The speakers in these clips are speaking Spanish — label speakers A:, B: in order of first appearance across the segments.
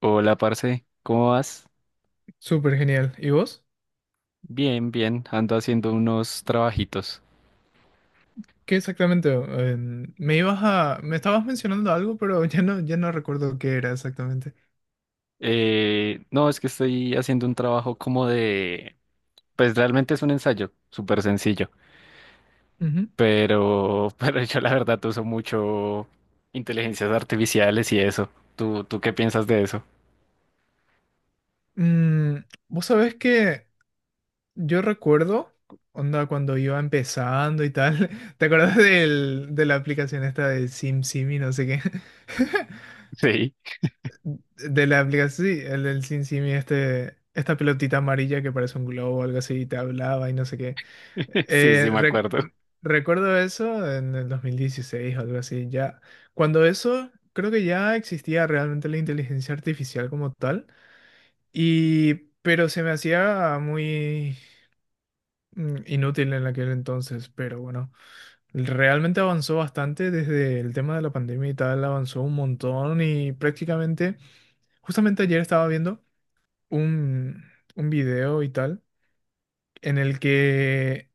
A: Hola, parce, ¿cómo vas?
B: Súper genial. ¿Y vos?
A: Bien, ando haciendo unos trabajitos.
B: ¿Qué exactamente? Me estabas mencionando algo, pero ya no recuerdo qué era exactamente.
A: No, es que estoy haciendo un trabajo pues realmente es un ensayo, súper sencillo,
B: Ujú.
A: pero, pero yo la verdad uso mucho inteligencias artificiales y eso. ¿Tú ¿qué piensas de eso?
B: Vos sabés que yo recuerdo, onda, cuando iba empezando y tal, ¿te acordás de la aplicación esta de SimSimi, no sé qué?
A: Sí,
B: De la aplicación, sí, el del Sin Simi, este, esta pelotita amarilla que parece un globo o algo así, y te hablaba y no sé qué.
A: sí, sí,
B: Eh,
A: me
B: rec-
A: acuerdo.
B: recuerdo eso en el 2016 o algo así, ya. Cuando eso, creo que ya existía realmente la inteligencia artificial como tal, y, pero se me hacía muy inútil en aquel entonces, pero bueno, realmente avanzó bastante desde el tema de la pandemia y tal, avanzó un montón y prácticamente, justamente ayer estaba viendo un, un video y tal, en el que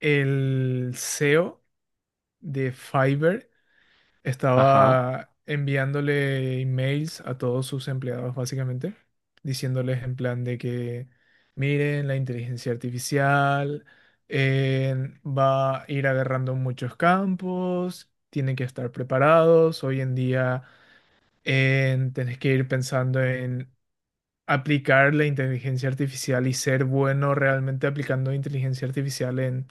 B: el CEO de Fiverr
A: Ajá,
B: estaba enviándole emails a todos sus empleados, básicamente, diciéndoles en plan de que, miren, la inteligencia artificial eh, va a ir agarrando muchos campos, tienen que estar preparados, hoy en día. Tenés que ir pensando en aplicar la inteligencia artificial y ser bueno realmente aplicando inteligencia artificial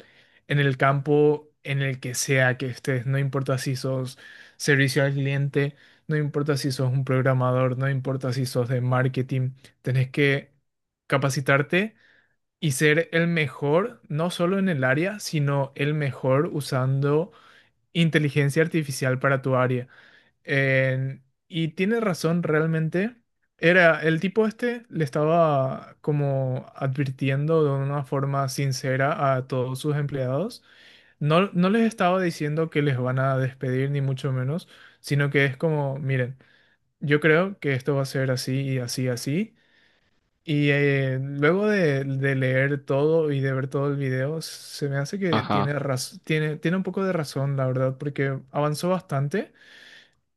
B: en el campo en el que sea que estés. No importa si sos servicio al cliente, no importa si sos un programador, no importa si sos de marketing, tenés que capacitarte y ser el mejor, no solo en el área, sino el mejor usando inteligencia artificial para tu área. En- y tiene razón realmente. Era, el tipo este le estaba como advirtiendo de una forma sincera a todos sus empleados. No les estaba diciendo que les van a despedir ni mucho menos, sino que es como, miren, yo creo que esto va a ser así y así, así. Y luego de leer todo y de ver todo el video, se me hace que
A: ajá,
B: tiene un poco de razón, la verdad, porque avanzó bastante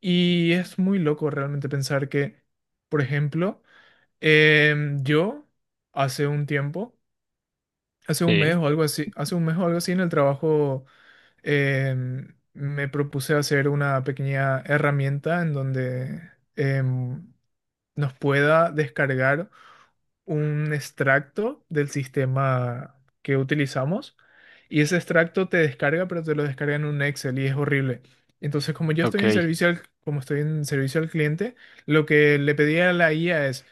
B: y es muy loco realmente pensar que, por ejemplo, yo hace un tiempo,
A: sí,
B: hace un mes o algo así en el trabajo me propuse hacer una pequeña herramienta en donde em, nos pueda descargar un extracto del sistema que utilizamos y ese extracto te descarga, pero te lo descarga en un Excel y es horrible. Entonces,
A: ok.
B: como estoy en servicio al cliente, lo que le pedí a la IA es,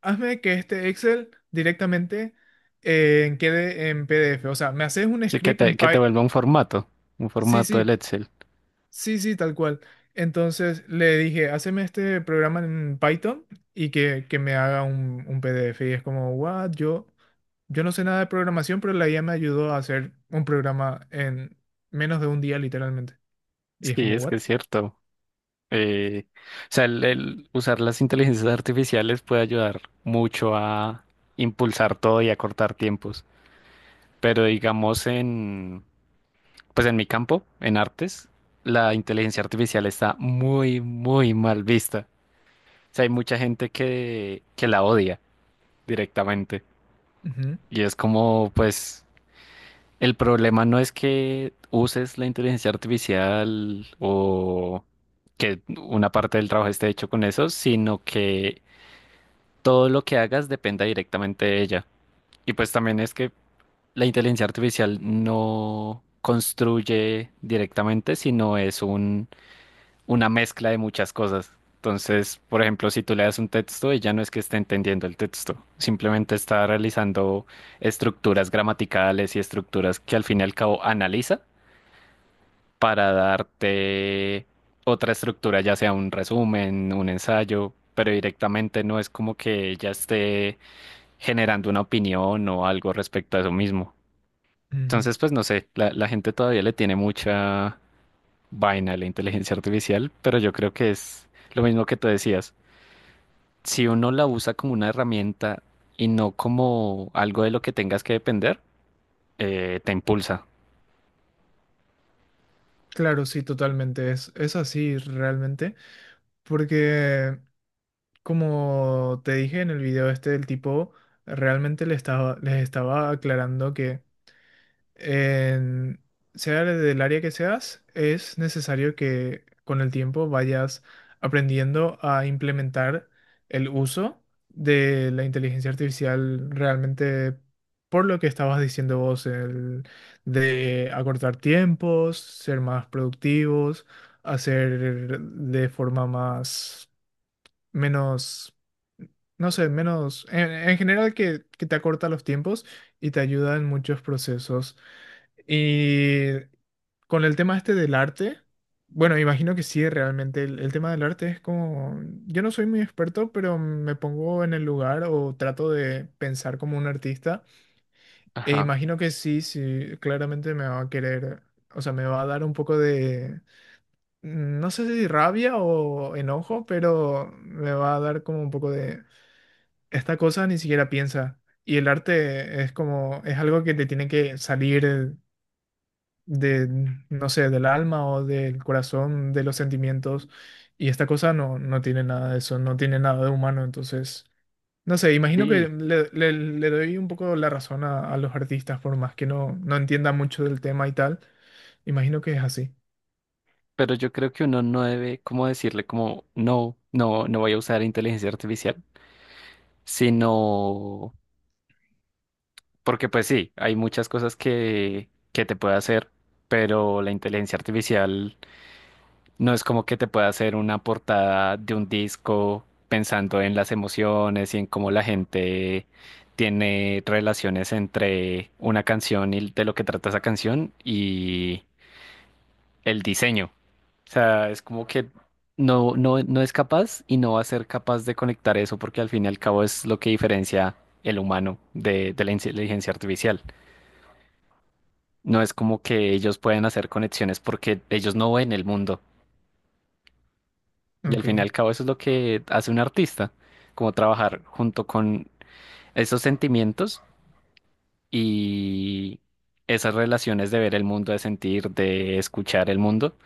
B: hazme que este Excel directamente quede en PDF. O sea, me haces un
A: Sí, que
B: script en
A: te, que te
B: Python.
A: vuelva un
B: Sí,
A: formato del
B: sí.
A: Excel.
B: Sí, sí, tal cual. Entonces le dije, haceme este programa en Python y que me haga un PDF. Y es como, what, yo no sé nada de programación, pero la IA me ayudó a hacer un programa en menos de un día, literalmente. Y es
A: Sí,
B: como,
A: es
B: what?
A: que es cierto. O sea, el usar las inteligencias artificiales puede ayudar mucho a impulsar todo y a cortar tiempos. Pero pues en mi campo, en artes, la inteligencia artificial está muy, muy mal vista. O sea, hay mucha gente que la odia directamente.
B: Ujú,
A: Y es como, pues, el problema no es que uses la inteligencia artificial o que una parte del trabajo esté hecho con eso, sino que todo lo que hagas dependa directamente de ella. Y pues también es que la inteligencia artificial no construye directamente, una mezcla de muchas cosas. Entonces, por ejemplo, si tú le das un texto, ella no es que esté entendiendo el texto, simplemente está realizando estructuras gramaticales y estructuras que al fin y al cabo analiza para darte otra estructura, ya sea un resumen, un ensayo, pero directamente no es como que ella esté generando una opinión o algo respecto a eso mismo.
B: ujú.
A: Entonces, pues no sé, la gente todavía le tiene mucha vaina a la inteligencia artificial, pero yo creo que es lo mismo que tú decías. Si uno la usa como una herramienta y no como algo de lo que tengas que depender, te impulsa.
B: Claro, sí, totalmente. Es así realmente. Porque, como te dije en el video este, el tipo realmente les estaba aclarando que en, sea del área que seas, es necesario que con el tiempo vayas aprendiendo a implementar el uso de la inteligencia artificial realmente por lo que estabas diciendo vos, el de acortar tiempos, ser más productivos, hacer de forma más, menos, no sé, menos, en general que te acorta los tiempos y te ayuda en muchos procesos. Y con el tema este del arte, bueno, me imagino que sí, realmente el tema del arte es como, yo no soy muy experto, pero me pongo en el lugar o trato de pensar como un artista e
A: Ajá.
B: imagino que sí, sí, claramente me va a querer, o sea, me va a dar un poco de, no sé si rabia o enojo, pero me va a dar como un poco de, esta cosa ni siquiera piensa. Y el arte es como, es algo que te tiene que salir de, no sé, del alma o del corazón, de los sentimientos. Y esta cosa no, no tiene nada de eso, no tiene nada de humano. Entonces, no sé, imagino que
A: Sí,
B: le doy un poco la razón a los artistas, por más que no, no entienda mucho del tema y tal. Imagino que es así.
A: pero yo creo que uno no debe como decirle como no voy a usar inteligencia artificial, sino. Porque pues sí, hay muchas cosas que te puede hacer, pero la inteligencia artificial no es como que te pueda hacer una portada de un disco pensando en las emociones y en cómo la gente tiene relaciones entre una canción y de lo que trata esa canción y el diseño. O sea, es como que no es capaz y no va a ser capaz de conectar eso porque al fin y al cabo es lo que diferencia el humano de la inteligencia artificial. No es como que ellos pueden hacer conexiones porque ellos no ven el mundo. Y al
B: Ok,
A: fin y al cabo eso es lo que hace un artista, como trabajar junto con esos sentimientos y esas relaciones de ver el mundo, de sentir, de escuchar el mundo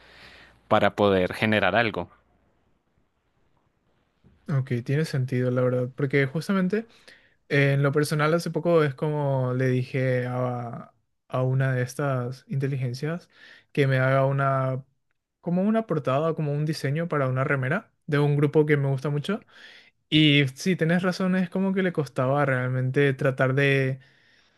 A: para poder generar algo.
B: ok, tiene sentido, la verdad. Porque justamente. En lo personal, hace poco es como le dije a una de estas inteligencias que me haga una, como una portada, como un diseño para una remera de un grupo que me gusta mucho. Y sí, tenés razón, es como que le costaba realmente tratar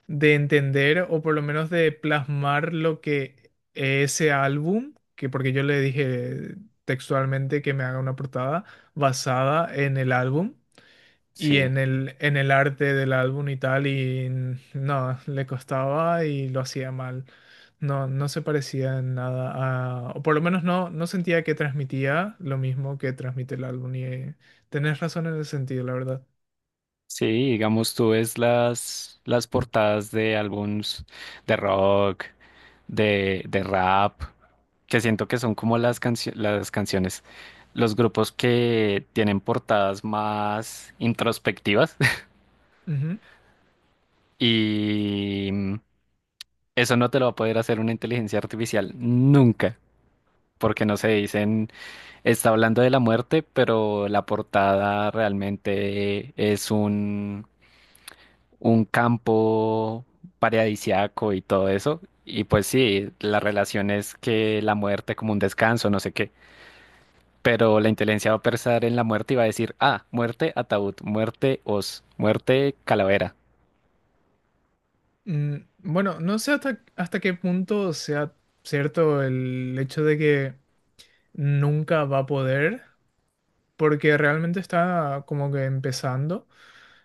B: de entender o por lo menos de plasmar lo que ese álbum, que porque yo le dije textualmente que me haga una portada basada en el álbum. Y
A: Sí.
B: en el arte del álbum y tal, y no, le costaba y lo hacía mal. No, no se parecía en nada a, o por lo menos no, no sentía que transmitía lo mismo que transmite el álbum. Y tenés razón en ese sentido, la verdad.
A: Sí, digamos, tú ves las portadas de álbums de rock, de rap, que siento que son como las canciones, los grupos que tienen portadas más introspectivas
B: Ujú.
A: y eso no te lo va a poder hacer una inteligencia artificial nunca, porque no se dicen, está hablando de la muerte, pero la portada realmente es un campo paradisiaco y todo eso. Y pues sí, la relación es que la muerte como un descanso, no sé qué. Pero la inteligencia va a pensar en la muerte y va a decir, ah, muerte ataúd, muerte os, muerte calavera.
B: Bueno, no sé hasta qué punto sea cierto el hecho de que nunca va a poder, porque realmente está como que empezando.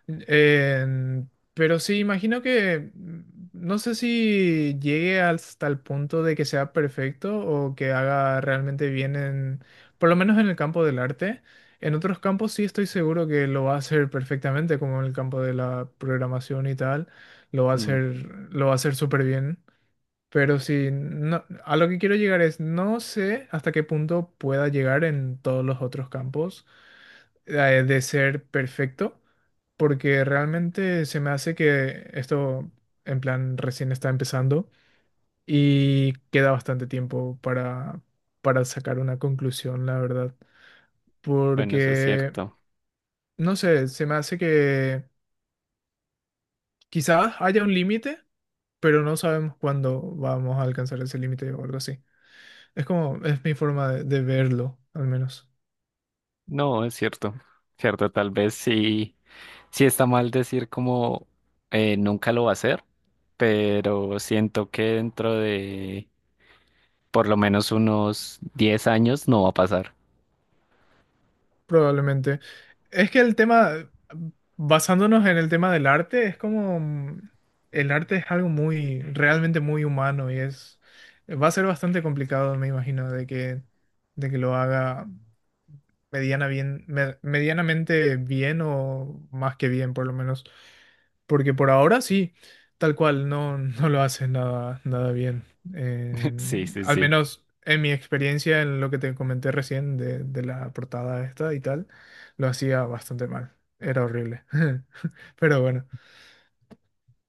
B: Pero sí, imagino que no sé si llegue hasta el punto de que sea perfecto o que haga realmente bien en, por lo menos en el campo del arte. En otros campos sí estoy seguro que lo va a hacer perfectamente, como en el campo de la programación y tal, lo va a
A: Mm,
B: hacer, lo va a hacer súper bien. Pero sí, no, a lo que quiero llegar es, no sé hasta qué punto pueda llegar en todos los otros campos eh, de ser perfecto, porque realmente se me hace que esto, en plan, recién está empezando y queda bastante tiempo para sacar una conclusión, la verdad.
A: bueno, eso es
B: Porque,
A: cierto.
B: no sé, se me hace que quizás haya un límite, pero no sabemos cuándo vamos a alcanzar ese límite o algo así. Es como, es mi forma de verlo, al menos.
A: No, es cierto. Cierto, tal vez sí, sí está mal decir como nunca lo va a hacer, pero siento que dentro de por lo menos unos 10 años no va a pasar.
B: Probablemente. Es que el tema, basándonos en el tema del arte, es como, el arte es algo muy, realmente muy humano y es, va a ser bastante complicado, me imagino, de que lo haga. Medianamente bien o más que bien, por lo menos. Porque por ahora sí, tal cual, no, no lo hace nada, nada bien. Eh,
A: Sí, sí,
B: al
A: sí.
B: menos en mi experiencia, en lo que te comenté recién de la portada esta y tal, lo hacía bastante mal. Era horrible. Pero bueno,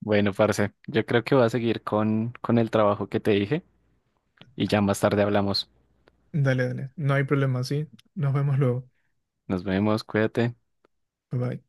A: Bueno, parce, yo creo que voy a seguir con el trabajo que te dije y ya más tarde hablamos.
B: dale, dale. No hay problema, sí. Nos vemos luego.
A: Nos vemos, cuídate.
B: Bye bye.